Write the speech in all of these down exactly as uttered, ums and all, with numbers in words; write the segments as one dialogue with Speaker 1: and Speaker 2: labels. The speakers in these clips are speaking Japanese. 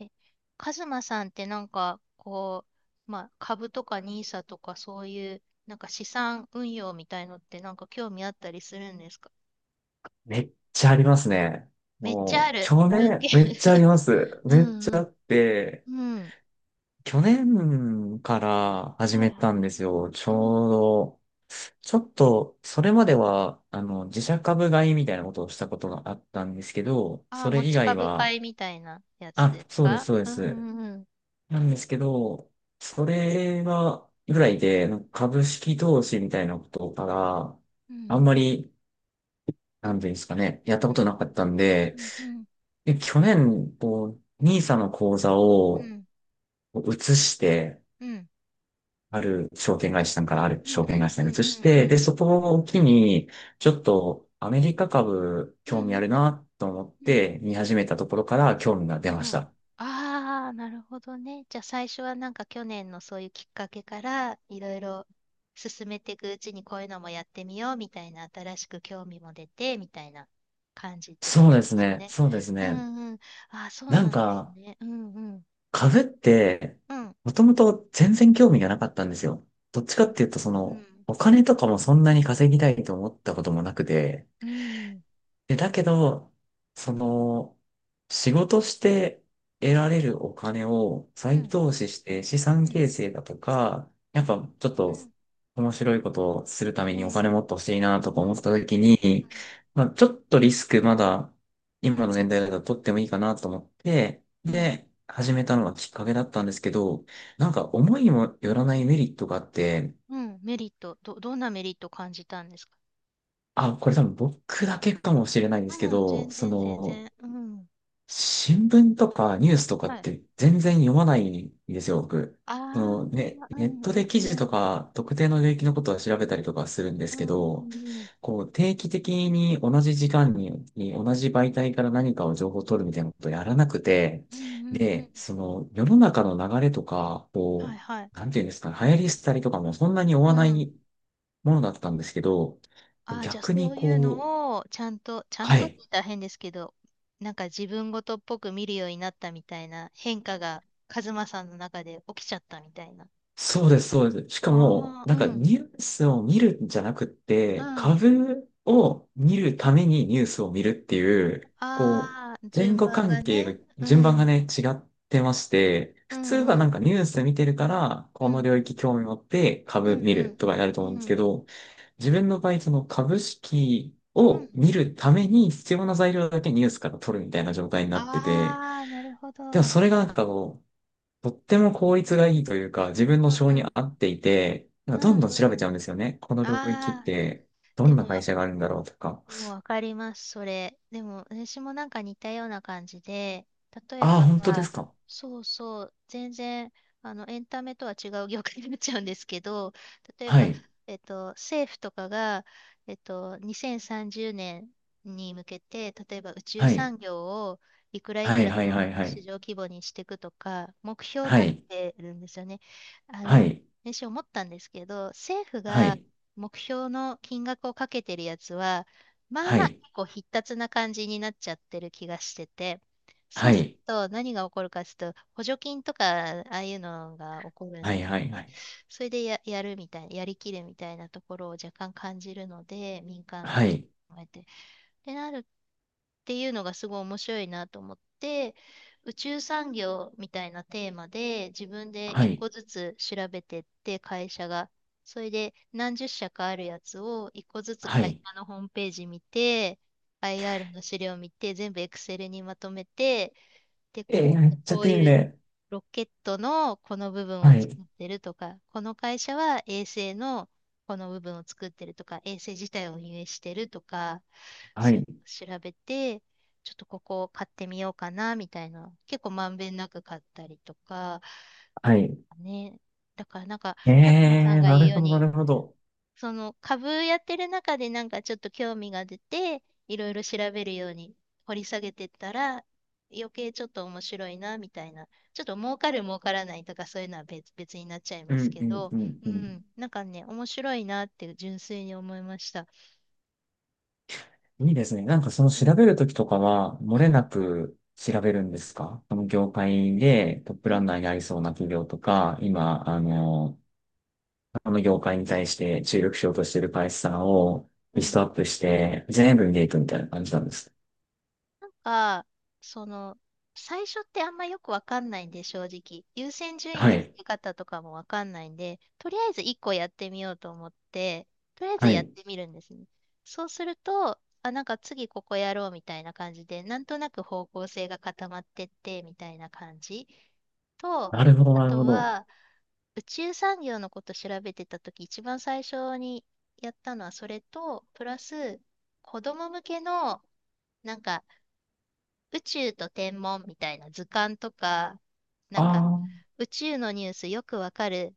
Speaker 1: え、カズマさんってなんか、こう、まあ、株とか ニーサ とかそういう、なんか資産運用みたいのってなんか興味あったりするんですか？
Speaker 2: めっちゃありますね。
Speaker 1: めっちゃあ
Speaker 2: もう、
Speaker 1: る。
Speaker 2: 去
Speaker 1: 断言。
Speaker 2: 年、めっちゃあります。
Speaker 1: う
Speaker 2: めっ
Speaker 1: ん
Speaker 2: ち
Speaker 1: う
Speaker 2: ゃあ
Speaker 1: ん。
Speaker 2: って、
Speaker 1: うん。
Speaker 2: 去年から始
Speaker 1: はい
Speaker 2: めた
Speaker 1: は
Speaker 2: んですよ。ち
Speaker 1: い。うん。
Speaker 2: ょうど、ちょっと、それまでは、あの、自社株買いみたいなことをしたことがあったんですけど、
Speaker 1: あ
Speaker 2: そ
Speaker 1: あ、持
Speaker 2: れ以
Speaker 1: ち
Speaker 2: 外
Speaker 1: 株買
Speaker 2: は、
Speaker 1: いみたいなやつ
Speaker 2: あ、
Speaker 1: です
Speaker 2: そうです、
Speaker 1: か？
Speaker 2: そうで
Speaker 1: うん
Speaker 2: す。
Speaker 1: うんうん。
Speaker 2: なんですけど、それは、ぐらいで、なんか株式投資みたいなことから、
Speaker 1: う
Speaker 2: あん
Speaker 1: ん
Speaker 2: まり、なんていうんですかね、やったことなかったんで、で、去年、こう、n i s の口座を移して、ある証券会社さんからある
Speaker 1: うんう
Speaker 2: 証券会
Speaker 1: ん
Speaker 2: 社
Speaker 1: う
Speaker 2: さんに移
Speaker 1: んうん
Speaker 2: し
Speaker 1: うんう
Speaker 2: て、
Speaker 1: ん
Speaker 2: で、そこを機に、ちょっとアメリカ株
Speaker 1: うん
Speaker 2: 興
Speaker 1: う
Speaker 2: 味
Speaker 1: んう
Speaker 2: ある
Speaker 1: ん
Speaker 2: なと思っ
Speaker 1: うんうん
Speaker 2: て見始めたところから興味が
Speaker 1: う
Speaker 2: 出まし
Speaker 1: ん。
Speaker 2: た。
Speaker 1: ああ、なるほどね。じゃあ最初はなんか去年のそういうきっかけからいろいろ進めていくうちにこういうのもやってみようみたいな、新しく興味も出てみたいな感じってこ
Speaker 2: そうで
Speaker 1: と
Speaker 2: す
Speaker 1: です
Speaker 2: ね。
Speaker 1: ね。
Speaker 2: そうです
Speaker 1: う
Speaker 2: ね。
Speaker 1: んうん。ああ、そう
Speaker 2: なん
Speaker 1: なんです
Speaker 2: か、
Speaker 1: ね。うんうん
Speaker 2: 株って、
Speaker 1: うん
Speaker 2: もともと全然興味がなかったんですよ。どっちかっ
Speaker 1: ね。
Speaker 2: ていうと、そ
Speaker 1: う
Speaker 2: の、
Speaker 1: ん
Speaker 2: お金とかもそんなに稼ぎたいと思ったこともなくて、
Speaker 1: うん
Speaker 2: で、だけど、その、仕事して得られるお金を
Speaker 1: う
Speaker 2: 再
Speaker 1: ん
Speaker 2: 投資して資産
Speaker 1: うん
Speaker 2: 形成だとか、やっぱちょっ
Speaker 1: う
Speaker 2: と
Speaker 1: ん
Speaker 2: 面白いことをするため
Speaker 1: う
Speaker 2: にお
Speaker 1: んう
Speaker 2: 金
Speaker 1: ん
Speaker 2: もっと欲しいなと
Speaker 1: う
Speaker 2: か思った
Speaker 1: ん
Speaker 2: 時に、まあ、ちょっとリスクまだ
Speaker 1: う
Speaker 2: 今
Speaker 1: ん
Speaker 2: の年代だと取ってもいいかなと思って、
Speaker 1: うん
Speaker 2: で、始めたのがきっかけだったんですけど、なんか思いもよらないメリットがあって、
Speaker 1: メリット、どどんなメリット感じたんですか？
Speaker 2: あ、これ多分僕だけかもしれないんですけ
Speaker 1: うん
Speaker 2: ど、
Speaker 1: 全
Speaker 2: そ
Speaker 1: 然全
Speaker 2: の、
Speaker 1: 然。うん
Speaker 2: 新聞とかニュースとか
Speaker 1: は
Speaker 2: っ
Speaker 1: い
Speaker 2: て全然読まないんですよ、僕。
Speaker 1: ああ、
Speaker 2: そのね、
Speaker 1: う
Speaker 2: ネッ
Speaker 1: んう
Speaker 2: トで
Speaker 1: ん
Speaker 2: 記事
Speaker 1: う
Speaker 2: と
Speaker 1: ん。
Speaker 2: か特定の領域のことは調べたりとかするんで
Speaker 1: う
Speaker 2: すけ
Speaker 1: んう
Speaker 2: ど、
Speaker 1: んうん。
Speaker 2: こう定期的に同じ時間に、に同じ媒体から何かを情報を取るみたいなことをやらなくて、
Speaker 1: うんうんう
Speaker 2: で、
Speaker 1: ん。
Speaker 2: その世の中の流れとか、
Speaker 1: は
Speaker 2: こ
Speaker 1: いはい。
Speaker 2: う、なんていうんですかね、流行り廃りとかもそんなに追わ
Speaker 1: う
Speaker 2: な
Speaker 1: ん。
Speaker 2: いものだったんですけど、
Speaker 1: ああ、じゃあ
Speaker 2: 逆
Speaker 1: そ
Speaker 2: に
Speaker 1: ういう
Speaker 2: こう、
Speaker 1: のをちゃんと、ちゃん
Speaker 2: は
Speaker 1: とって
Speaker 2: い。
Speaker 1: 言ったら変ですけど、なんか自分ごとっぽく見るようになったみたいな変化がカズマさんの中で起きちゃったみたいな。あ
Speaker 2: そうです、そうです。しかも、
Speaker 1: あ、
Speaker 2: な
Speaker 1: う
Speaker 2: んか
Speaker 1: ん。
Speaker 2: ニュースを見るんじゃなくっ
Speaker 1: う
Speaker 2: て、
Speaker 1: ん。
Speaker 2: 株を見るためにニュースを見るっていう、こ
Speaker 1: ああ、
Speaker 2: う、前
Speaker 1: 順
Speaker 2: 後
Speaker 1: 番
Speaker 2: 関
Speaker 1: が
Speaker 2: 係が、
Speaker 1: ね。う
Speaker 2: 順番が
Speaker 1: ん。
Speaker 2: ね、違ってまして、
Speaker 1: う
Speaker 2: 普通
Speaker 1: ん
Speaker 2: は
Speaker 1: う
Speaker 2: なん
Speaker 1: ん。
Speaker 2: かニュース見てるから、
Speaker 1: う
Speaker 2: この
Speaker 1: ん。
Speaker 2: 領域興味持って
Speaker 1: う
Speaker 2: 株
Speaker 1: ん
Speaker 2: 見
Speaker 1: う
Speaker 2: る
Speaker 1: ん。
Speaker 2: とかやると
Speaker 1: う
Speaker 2: 思うんです
Speaker 1: ん。
Speaker 2: けど、自分の場合、その株式
Speaker 1: うん。
Speaker 2: を見るために必要な材料だけニュースから取るみたいな状態になってて、
Speaker 1: ああ、なるほど。
Speaker 2: でも
Speaker 1: うん
Speaker 2: それがなんかこう、とっても効率がいいというか、自分の性
Speaker 1: う
Speaker 2: に
Speaker 1: ん。
Speaker 2: 合っていて、なん
Speaker 1: う
Speaker 2: かどんどん調
Speaker 1: んう
Speaker 2: べち
Speaker 1: ん。
Speaker 2: ゃうんですよね。この領域っ
Speaker 1: ああ、
Speaker 2: て、ど
Speaker 1: で
Speaker 2: んな
Speaker 1: も、
Speaker 2: 会社があるんだろうとか。
Speaker 1: でもわかります、それ。でも、私もなんか似たような感じで、例え
Speaker 2: ああ、
Speaker 1: ば、
Speaker 2: 本当ですか。
Speaker 1: そうそう、全然、あの、エンタメとは違う業界になっちゃうんですけど、例え
Speaker 2: は
Speaker 1: ば、
Speaker 2: い。
Speaker 1: えっと、政府とかが、えっと、にせんさんじゅうねんに向けて、例えば宇宙
Speaker 2: はい。
Speaker 1: 産業をいくらい
Speaker 2: は
Speaker 1: く
Speaker 2: い、
Speaker 1: らの
Speaker 2: はい、はい、は
Speaker 1: 市
Speaker 2: い。
Speaker 1: 場規模にしていくとか、目標を
Speaker 2: は
Speaker 1: 立
Speaker 2: い。
Speaker 1: ててるんですよね。あ
Speaker 2: は
Speaker 1: の、
Speaker 2: い。
Speaker 1: 私思ったんですけど、政府
Speaker 2: は
Speaker 1: が
Speaker 2: い。
Speaker 1: 目標の金額をかけてるやつは、まあ
Speaker 2: は
Speaker 1: まあ結
Speaker 2: い。
Speaker 1: 構必達な感じになっちゃってる気がしてて、そ
Speaker 2: は
Speaker 1: うする
Speaker 2: い。
Speaker 1: と何が起こるかというと、補助金とかああいうのが起こるん
Speaker 2: は
Speaker 1: で
Speaker 2: い、
Speaker 1: す
Speaker 2: はい、は
Speaker 1: ね。
Speaker 2: い。
Speaker 1: それでや、やるみたいな、やりきるみたいなところを若干感じるので、民間の
Speaker 2: はい。
Speaker 1: こうやって。ってなるていうのがすごい面白いなと思って、宇宙産業みたいなテーマで自分で
Speaker 2: は
Speaker 1: 一
Speaker 2: い。
Speaker 1: 個ずつ調べてって、会社が、それで何十社かあるやつを一個ずつ
Speaker 2: は
Speaker 1: 会社
Speaker 2: い。
Speaker 1: のホームページ見て、アイアール の資料見て、全部 Excel にまとめて、で、
Speaker 2: え
Speaker 1: ここ、
Speaker 2: ー、めっち
Speaker 1: こ
Speaker 2: ゃ
Speaker 1: う
Speaker 2: 丁
Speaker 1: いう
Speaker 2: 寧。
Speaker 1: ロケットのこの部分を
Speaker 2: は
Speaker 1: 作
Speaker 2: い。
Speaker 1: ってるとか、この会社は衛星のこの部分を作ってるとか、衛星自体を運営してるとか、
Speaker 2: は
Speaker 1: そうい
Speaker 2: い。
Speaker 1: うのを調べて、ちょっとここを買ってみようかなみたいな。結構まんべんなく買ったりとか、
Speaker 2: はい。
Speaker 1: ね。だからなんか勝間さん
Speaker 2: えー、
Speaker 1: が
Speaker 2: な
Speaker 1: 言う
Speaker 2: る
Speaker 1: よう
Speaker 2: ほど、な
Speaker 1: に、
Speaker 2: るほど。
Speaker 1: その株やってる中でなんかちょっと興味が出て、いろいろ調べるように掘り下げてったら、余計ちょっと面白いなみたいな。ちょっと儲かる儲からないとかそういうのは別、別になっちゃい
Speaker 2: う
Speaker 1: ます
Speaker 2: ん、
Speaker 1: け
Speaker 2: うん、
Speaker 1: ど、
Speaker 2: うん、
Speaker 1: う
Speaker 2: うん。
Speaker 1: ん、なんかね、面白いなって純粋に思いました。
Speaker 2: いいですね。なんかその
Speaker 1: う
Speaker 2: 調
Speaker 1: ん、
Speaker 2: べるときとかは、漏
Speaker 1: う
Speaker 2: れ
Speaker 1: ん、
Speaker 2: なく調べるんですか？この業界でトップ
Speaker 1: う
Speaker 2: ラ
Speaker 1: ん、
Speaker 2: ンナーになりそうな企業とか、今、あの、この業界に対して注力しようとしている会社さんを
Speaker 1: う
Speaker 2: リス
Speaker 1: ん。
Speaker 2: トアップして、全部見ていくみたいな感じなんです。
Speaker 1: なんか、その、最初ってあんまよくわかんないんで、正直。優先順位
Speaker 2: は
Speaker 1: の付
Speaker 2: い。
Speaker 1: け方とかもわかんないんで、とりあえず一個やってみようと思って、とりあえず
Speaker 2: は
Speaker 1: やっ
Speaker 2: い。
Speaker 1: てみるんですね。そうすると、あ、なんか次ここやろうみたいな感じで、なんとなく方向性が固まってってみたいな感じ。と、
Speaker 2: なるほど、
Speaker 1: あ
Speaker 2: なる
Speaker 1: と
Speaker 2: ほど。
Speaker 1: は、宇宙産業のこと調べてたとき、一番最初にやったのはそれと、プラス、子供向けの、なんか、宇宙と天文みたいな図鑑とか、なんか
Speaker 2: あ
Speaker 1: 宇宙のニュースよくわかる、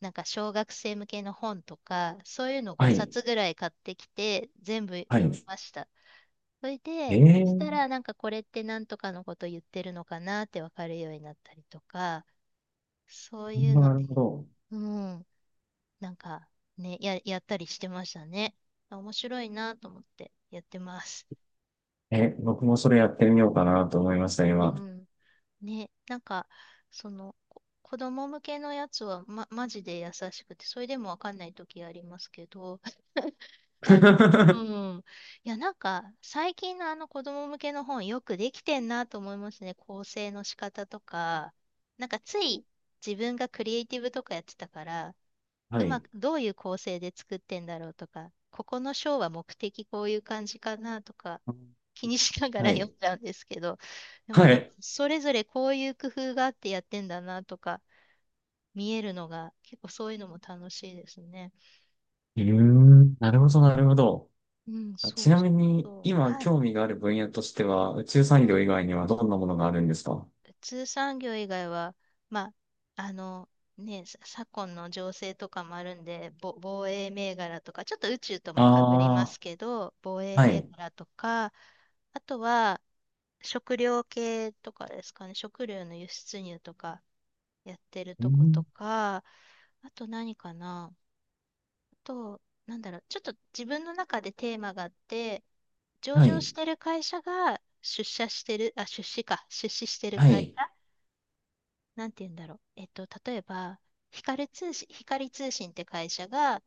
Speaker 1: なんか小学生向けの本とか、そういうの
Speaker 2: あ、は
Speaker 1: 5
Speaker 2: い。
Speaker 1: 冊ぐらい買ってきて、全部
Speaker 2: は
Speaker 1: 読み
Speaker 2: い。
Speaker 1: ました。それ
Speaker 2: え
Speaker 1: で
Speaker 2: え
Speaker 1: し
Speaker 2: ー、
Speaker 1: たらなんかこれってなんとかのこと言ってるのかなってわかるようになったりとか、そういうの
Speaker 2: な
Speaker 1: で、
Speaker 2: るほど。
Speaker 1: うん、なんかね、や、やったりしてましたね。面白いなと思ってやってます。
Speaker 2: え、僕もそれやってみようかなと思いました、
Speaker 1: う
Speaker 2: 今。
Speaker 1: ん。ね、なんか、その、こ子供向けのやつは、ま、マジで優しくて、それでもわかんない時ありますけど、あの、うん。いや、なんか、最近のあの子供向けの本、よくできてんなと思いますね。構成の仕方とか。なんか、つい自分がクリエイティブとかやってたから、
Speaker 2: は
Speaker 1: うま
Speaker 2: い。
Speaker 1: く、どういう構成で作ってんだろうとか、ここの章は目的こういう感じかなとか、気にしなが
Speaker 2: は
Speaker 1: ら読
Speaker 2: い。
Speaker 1: んじゃうんですけど、でも
Speaker 2: は
Speaker 1: なん
Speaker 2: い。
Speaker 1: かそれぞれこういう工夫があってやってんだなとか見えるのが、結構そういうのも楽しいですね。
Speaker 2: うーん、なるほど、なるほど。
Speaker 1: うん、そ
Speaker 2: ち
Speaker 1: う
Speaker 2: な
Speaker 1: そ
Speaker 2: み
Speaker 1: う
Speaker 2: に、
Speaker 1: そう。
Speaker 2: 今
Speaker 1: はい。
Speaker 2: 興味がある分野としては、宇宙
Speaker 1: う
Speaker 2: 産業以
Speaker 1: ん。
Speaker 2: 外にはどんなものがあるんですか？
Speaker 1: 普通産業以外は、まあ、あの、ね、さ昨今の情勢とかもあるんで、ぼ防衛銘柄とか、ちょっと宇宙ともかぶり
Speaker 2: あ
Speaker 1: ま
Speaker 2: あ
Speaker 1: すけど、防
Speaker 2: ー、
Speaker 1: 衛
Speaker 2: は
Speaker 1: 銘
Speaker 2: い。
Speaker 1: 柄とか、あとは、食料系とかですかね。食料の輸出入とかやってる
Speaker 2: う
Speaker 1: とこと
Speaker 2: ん、
Speaker 1: か、あと何かな。あと、なんだろう。ちょっと自分の中でテーマがあって、上
Speaker 2: は
Speaker 1: 場
Speaker 2: い、
Speaker 1: してる会社が出社してる、あ、出資か。出資してる
Speaker 2: は
Speaker 1: 会
Speaker 2: い、
Speaker 1: 社。なんて言うんだろう。えっと、例えば、光通信、光通信って会社が、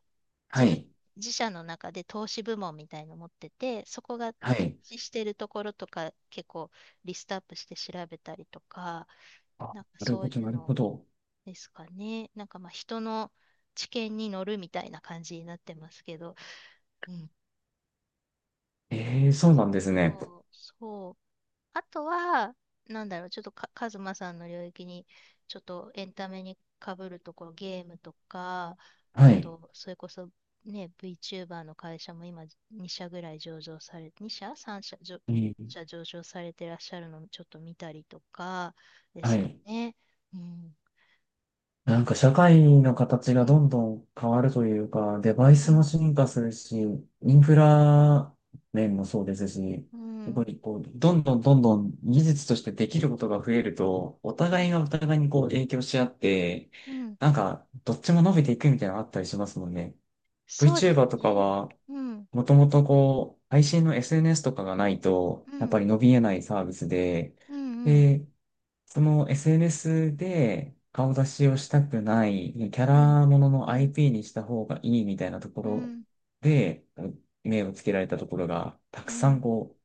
Speaker 2: は
Speaker 1: 自分、
Speaker 2: い、
Speaker 1: 自社の中で投資部門みたいの持ってて、そこが
Speaker 2: は
Speaker 1: 投
Speaker 2: い。
Speaker 1: 資してるところとか結構リストアップして調べたりとか、
Speaker 2: あ、
Speaker 1: なんか
Speaker 2: なる
Speaker 1: そう
Speaker 2: ほ
Speaker 1: い
Speaker 2: ど、
Speaker 1: う
Speaker 2: なる
Speaker 1: の
Speaker 2: ほど。
Speaker 1: ですかね。なんかまあ人の知見に乗るみたいな感じになってますけど、うん。
Speaker 2: ええ、そうなんですね。
Speaker 1: そう、そう。あとは、なんだろう、ちょっとか、カズマさんの領域に、ちょっとエンタメにかぶるところ、ゲームとか、あ
Speaker 2: はい。
Speaker 1: と、それこそ、ね、VTuber の会社も今、2社ぐらい上場され、に社？ さん 社、じょ
Speaker 2: う
Speaker 1: いっ
Speaker 2: ん、
Speaker 1: 社上場されてらっしゃるのをちょっと見たりとか、で
Speaker 2: は
Speaker 1: すか
Speaker 2: い。
Speaker 1: ね。うん、
Speaker 2: なんか社会の形が
Speaker 1: う
Speaker 2: ど
Speaker 1: ん、
Speaker 2: んどん変わるというか、デバ
Speaker 1: う
Speaker 2: イスも
Speaker 1: ん、
Speaker 2: 進化するし、インフラ面もそうですし、
Speaker 1: う
Speaker 2: やっぱ
Speaker 1: ん、
Speaker 2: りこう、どんどんどんどん技術としてできることが増えると、お
Speaker 1: う
Speaker 2: 互
Speaker 1: ん、
Speaker 2: いがお互いにこう影響し合って、
Speaker 1: うん、
Speaker 2: なんかどっちも伸びていくみたいなのあったりしますもんね。
Speaker 1: そうです
Speaker 2: VTuber とか
Speaker 1: ね。
Speaker 2: は、
Speaker 1: うん、
Speaker 2: もともとこう、配信の エスエヌエス とかがないと、
Speaker 1: う
Speaker 2: やっぱ
Speaker 1: ん、
Speaker 2: り伸びえないサービスで、
Speaker 1: うん、うん、
Speaker 2: でその エスエヌエス で顔出しをしたくない、キャ
Speaker 1: うん、
Speaker 2: ラものの
Speaker 1: うん、
Speaker 2: アイピー にした方がいいみたいなとこ
Speaker 1: う
Speaker 2: ろ
Speaker 1: ん、
Speaker 2: で、目をつけられたところが、たく
Speaker 1: う
Speaker 2: さん
Speaker 1: ん、
Speaker 2: こう、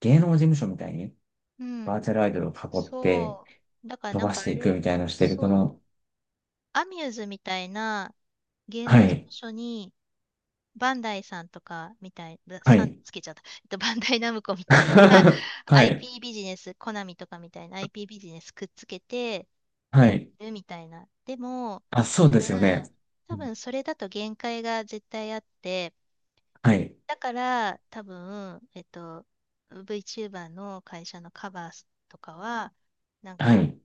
Speaker 2: 芸能事務所みたいに
Speaker 1: う
Speaker 2: バ
Speaker 1: ん。
Speaker 2: ーチャルアイドルを囲って
Speaker 1: そう。だから
Speaker 2: 飛
Speaker 1: なん
Speaker 2: ば
Speaker 1: か
Speaker 2: し
Speaker 1: あ
Speaker 2: ていく
Speaker 1: れ、
Speaker 2: みたいなのをしてる、こ
Speaker 1: そう、
Speaker 2: の、
Speaker 1: アミューズみたいな芸
Speaker 2: は
Speaker 1: 能事
Speaker 2: い、
Speaker 1: 務所に、バンダイさんとかみたい、ぶ
Speaker 2: は
Speaker 1: さん
Speaker 2: い、
Speaker 1: つけちゃった。えっと、バンダイナムコみ たいな
Speaker 2: はい、
Speaker 1: アイピー ビジネス、コナミとかみたいな アイピー ビジネスくっつけて
Speaker 2: は
Speaker 1: やっ
Speaker 2: い。
Speaker 1: てるみたいな。でも、
Speaker 2: あ、
Speaker 1: 多
Speaker 2: そうですよね。
Speaker 1: 分、
Speaker 2: う
Speaker 1: 多
Speaker 2: ん
Speaker 1: 分それだと限界が絶対あって、
Speaker 2: はい、
Speaker 1: だから、多分、えっと、VTuber の会社のカバーとかは、なん
Speaker 2: は
Speaker 1: か、
Speaker 2: い、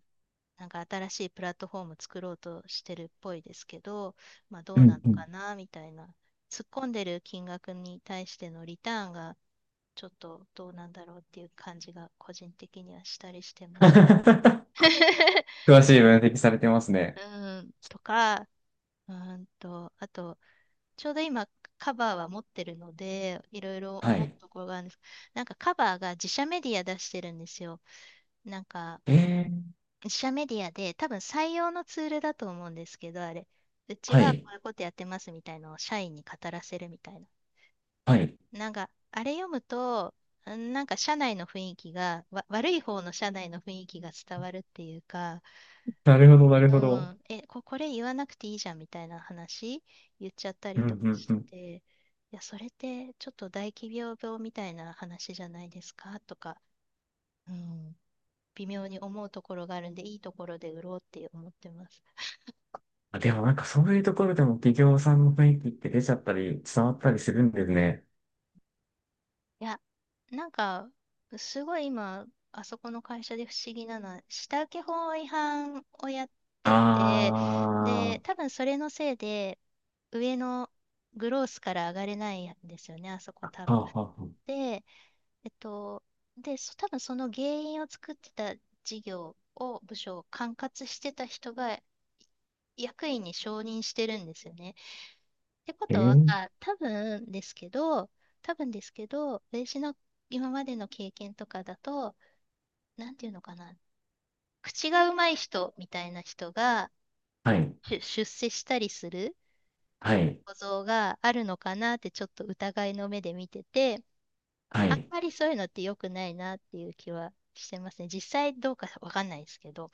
Speaker 1: なんか新しいプラットフォーム作ろうとしてるっぽいですけど、まあど
Speaker 2: う
Speaker 1: うな
Speaker 2: ん、
Speaker 1: の
Speaker 2: うん。
Speaker 1: かなみたいな。突っ込んでる金額に対してのリターンがちょっとどうなんだろうっていう感じが、個人的にはしたりしてます。
Speaker 2: 詳しい分析されてますね。
Speaker 1: うん、とか、うーんと、あとちょうど今、カバーは持ってるので、いろいろ
Speaker 2: は
Speaker 1: 思う
Speaker 2: い。
Speaker 1: ところがあるんです。なんかカバーが自社メディア出してるんですよ。なんか
Speaker 2: えー、
Speaker 1: 自社メディアで、多分採用のツールだと思うんですけど、あれ。うち
Speaker 2: は
Speaker 1: はこ
Speaker 2: い、
Speaker 1: ういうことやってますみたいのを社員に語らせるみたいな。
Speaker 2: はい。
Speaker 1: なんか、あれ読むと、んなんか社内の雰囲気が、わ悪い方の社内の雰囲気が伝わるっていうか、
Speaker 2: なるほど、なるほ
Speaker 1: う
Speaker 2: ど。
Speaker 1: ん、え、こ、これ言わなくていいじゃんみたいな話言っちゃった
Speaker 2: う
Speaker 1: り
Speaker 2: ん、う
Speaker 1: とか
Speaker 2: ん、
Speaker 1: し
Speaker 2: う
Speaker 1: て
Speaker 2: ん。
Speaker 1: て、いや、それってちょっと大企業病みたいな話じゃないですかとか、うん、微妙に思うところがあるんで、いいところで売ろうって思ってます。
Speaker 2: あ、でもなんかそういうところでも企業さんの雰囲気って出ちゃったり、伝わったりするんですね。
Speaker 1: いや、なんか、すごい今、あそこの会社で不思議なのは、下請け法違反をやっ
Speaker 2: あ
Speaker 1: てて、
Speaker 2: あ、
Speaker 1: で、
Speaker 2: は
Speaker 1: 多分それのせいで、上のグロースから上がれないんですよね、あそこ多
Speaker 2: あ、
Speaker 1: 分。
Speaker 2: はあ、は
Speaker 1: でえっと、で、そ多分その原因を作ってた事業を、部署を管轄してた人が役員に承認してるんですよね。ってこ
Speaker 2: え
Speaker 1: とは、
Speaker 2: ー、
Speaker 1: 多分ですけど、多分ですけど、私の今までの経験とかだと、なんていうのかな、口がうまい人みたいな人が
Speaker 2: はい、
Speaker 1: 出出世したりする
Speaker 2: はい、
Speaker 1: 構造があるのかなって、ちょっと疑いの目で見てて、
Speaker 2: は
Speaker 1: あん
Speaker 2: い。
Speaker 1: まりそういうのって良くないなっていう気はしてますね。実際どうかわかんないですけど、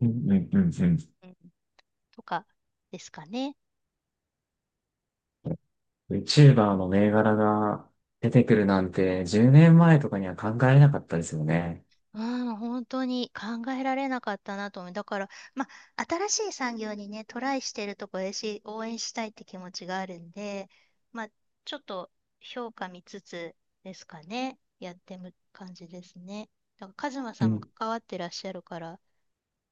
Speaker 2: うん、うん、うん、うん。
Speaker 1: うん、とかですかね。
Speaker 2: VTuber の銘柄が出てくるなんてじゅうねんまえとかには考えなかったですよね。
Speaker 1: うん、本当に考えられなかったなと思う。だから、まあ、新しい産業にね、トライしてるとこだし、応援したいって気持ちがあるんで、まあ、ちょっと評価見つつですかね。やってむ感じですね。だから、カズマ
Speaker 2: う
Speaker 1: さんも
Speaker 2: ん、
Speaker 1: 関わってらっしゃるから、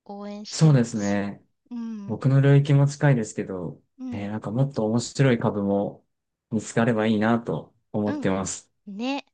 Speaker 1: 応援して
Speaker 2: そう
Speaker 1: ま
Speaker 2: です
Speaker 1: す。
Speaker 2: ね。
Speaker 1: うん、
Speaker 2: 僕の領域も近いですけど、
Speaker 1: う
Speaker 2: えー
Speaker 1: ん、
Speaker 2: なんかもっと面白い株も見つかればいいなと思
Speaker 1: う
Speaker 2: って
Speaker 1: ん。
Speaker 2: ます。
Speaker 1: ね。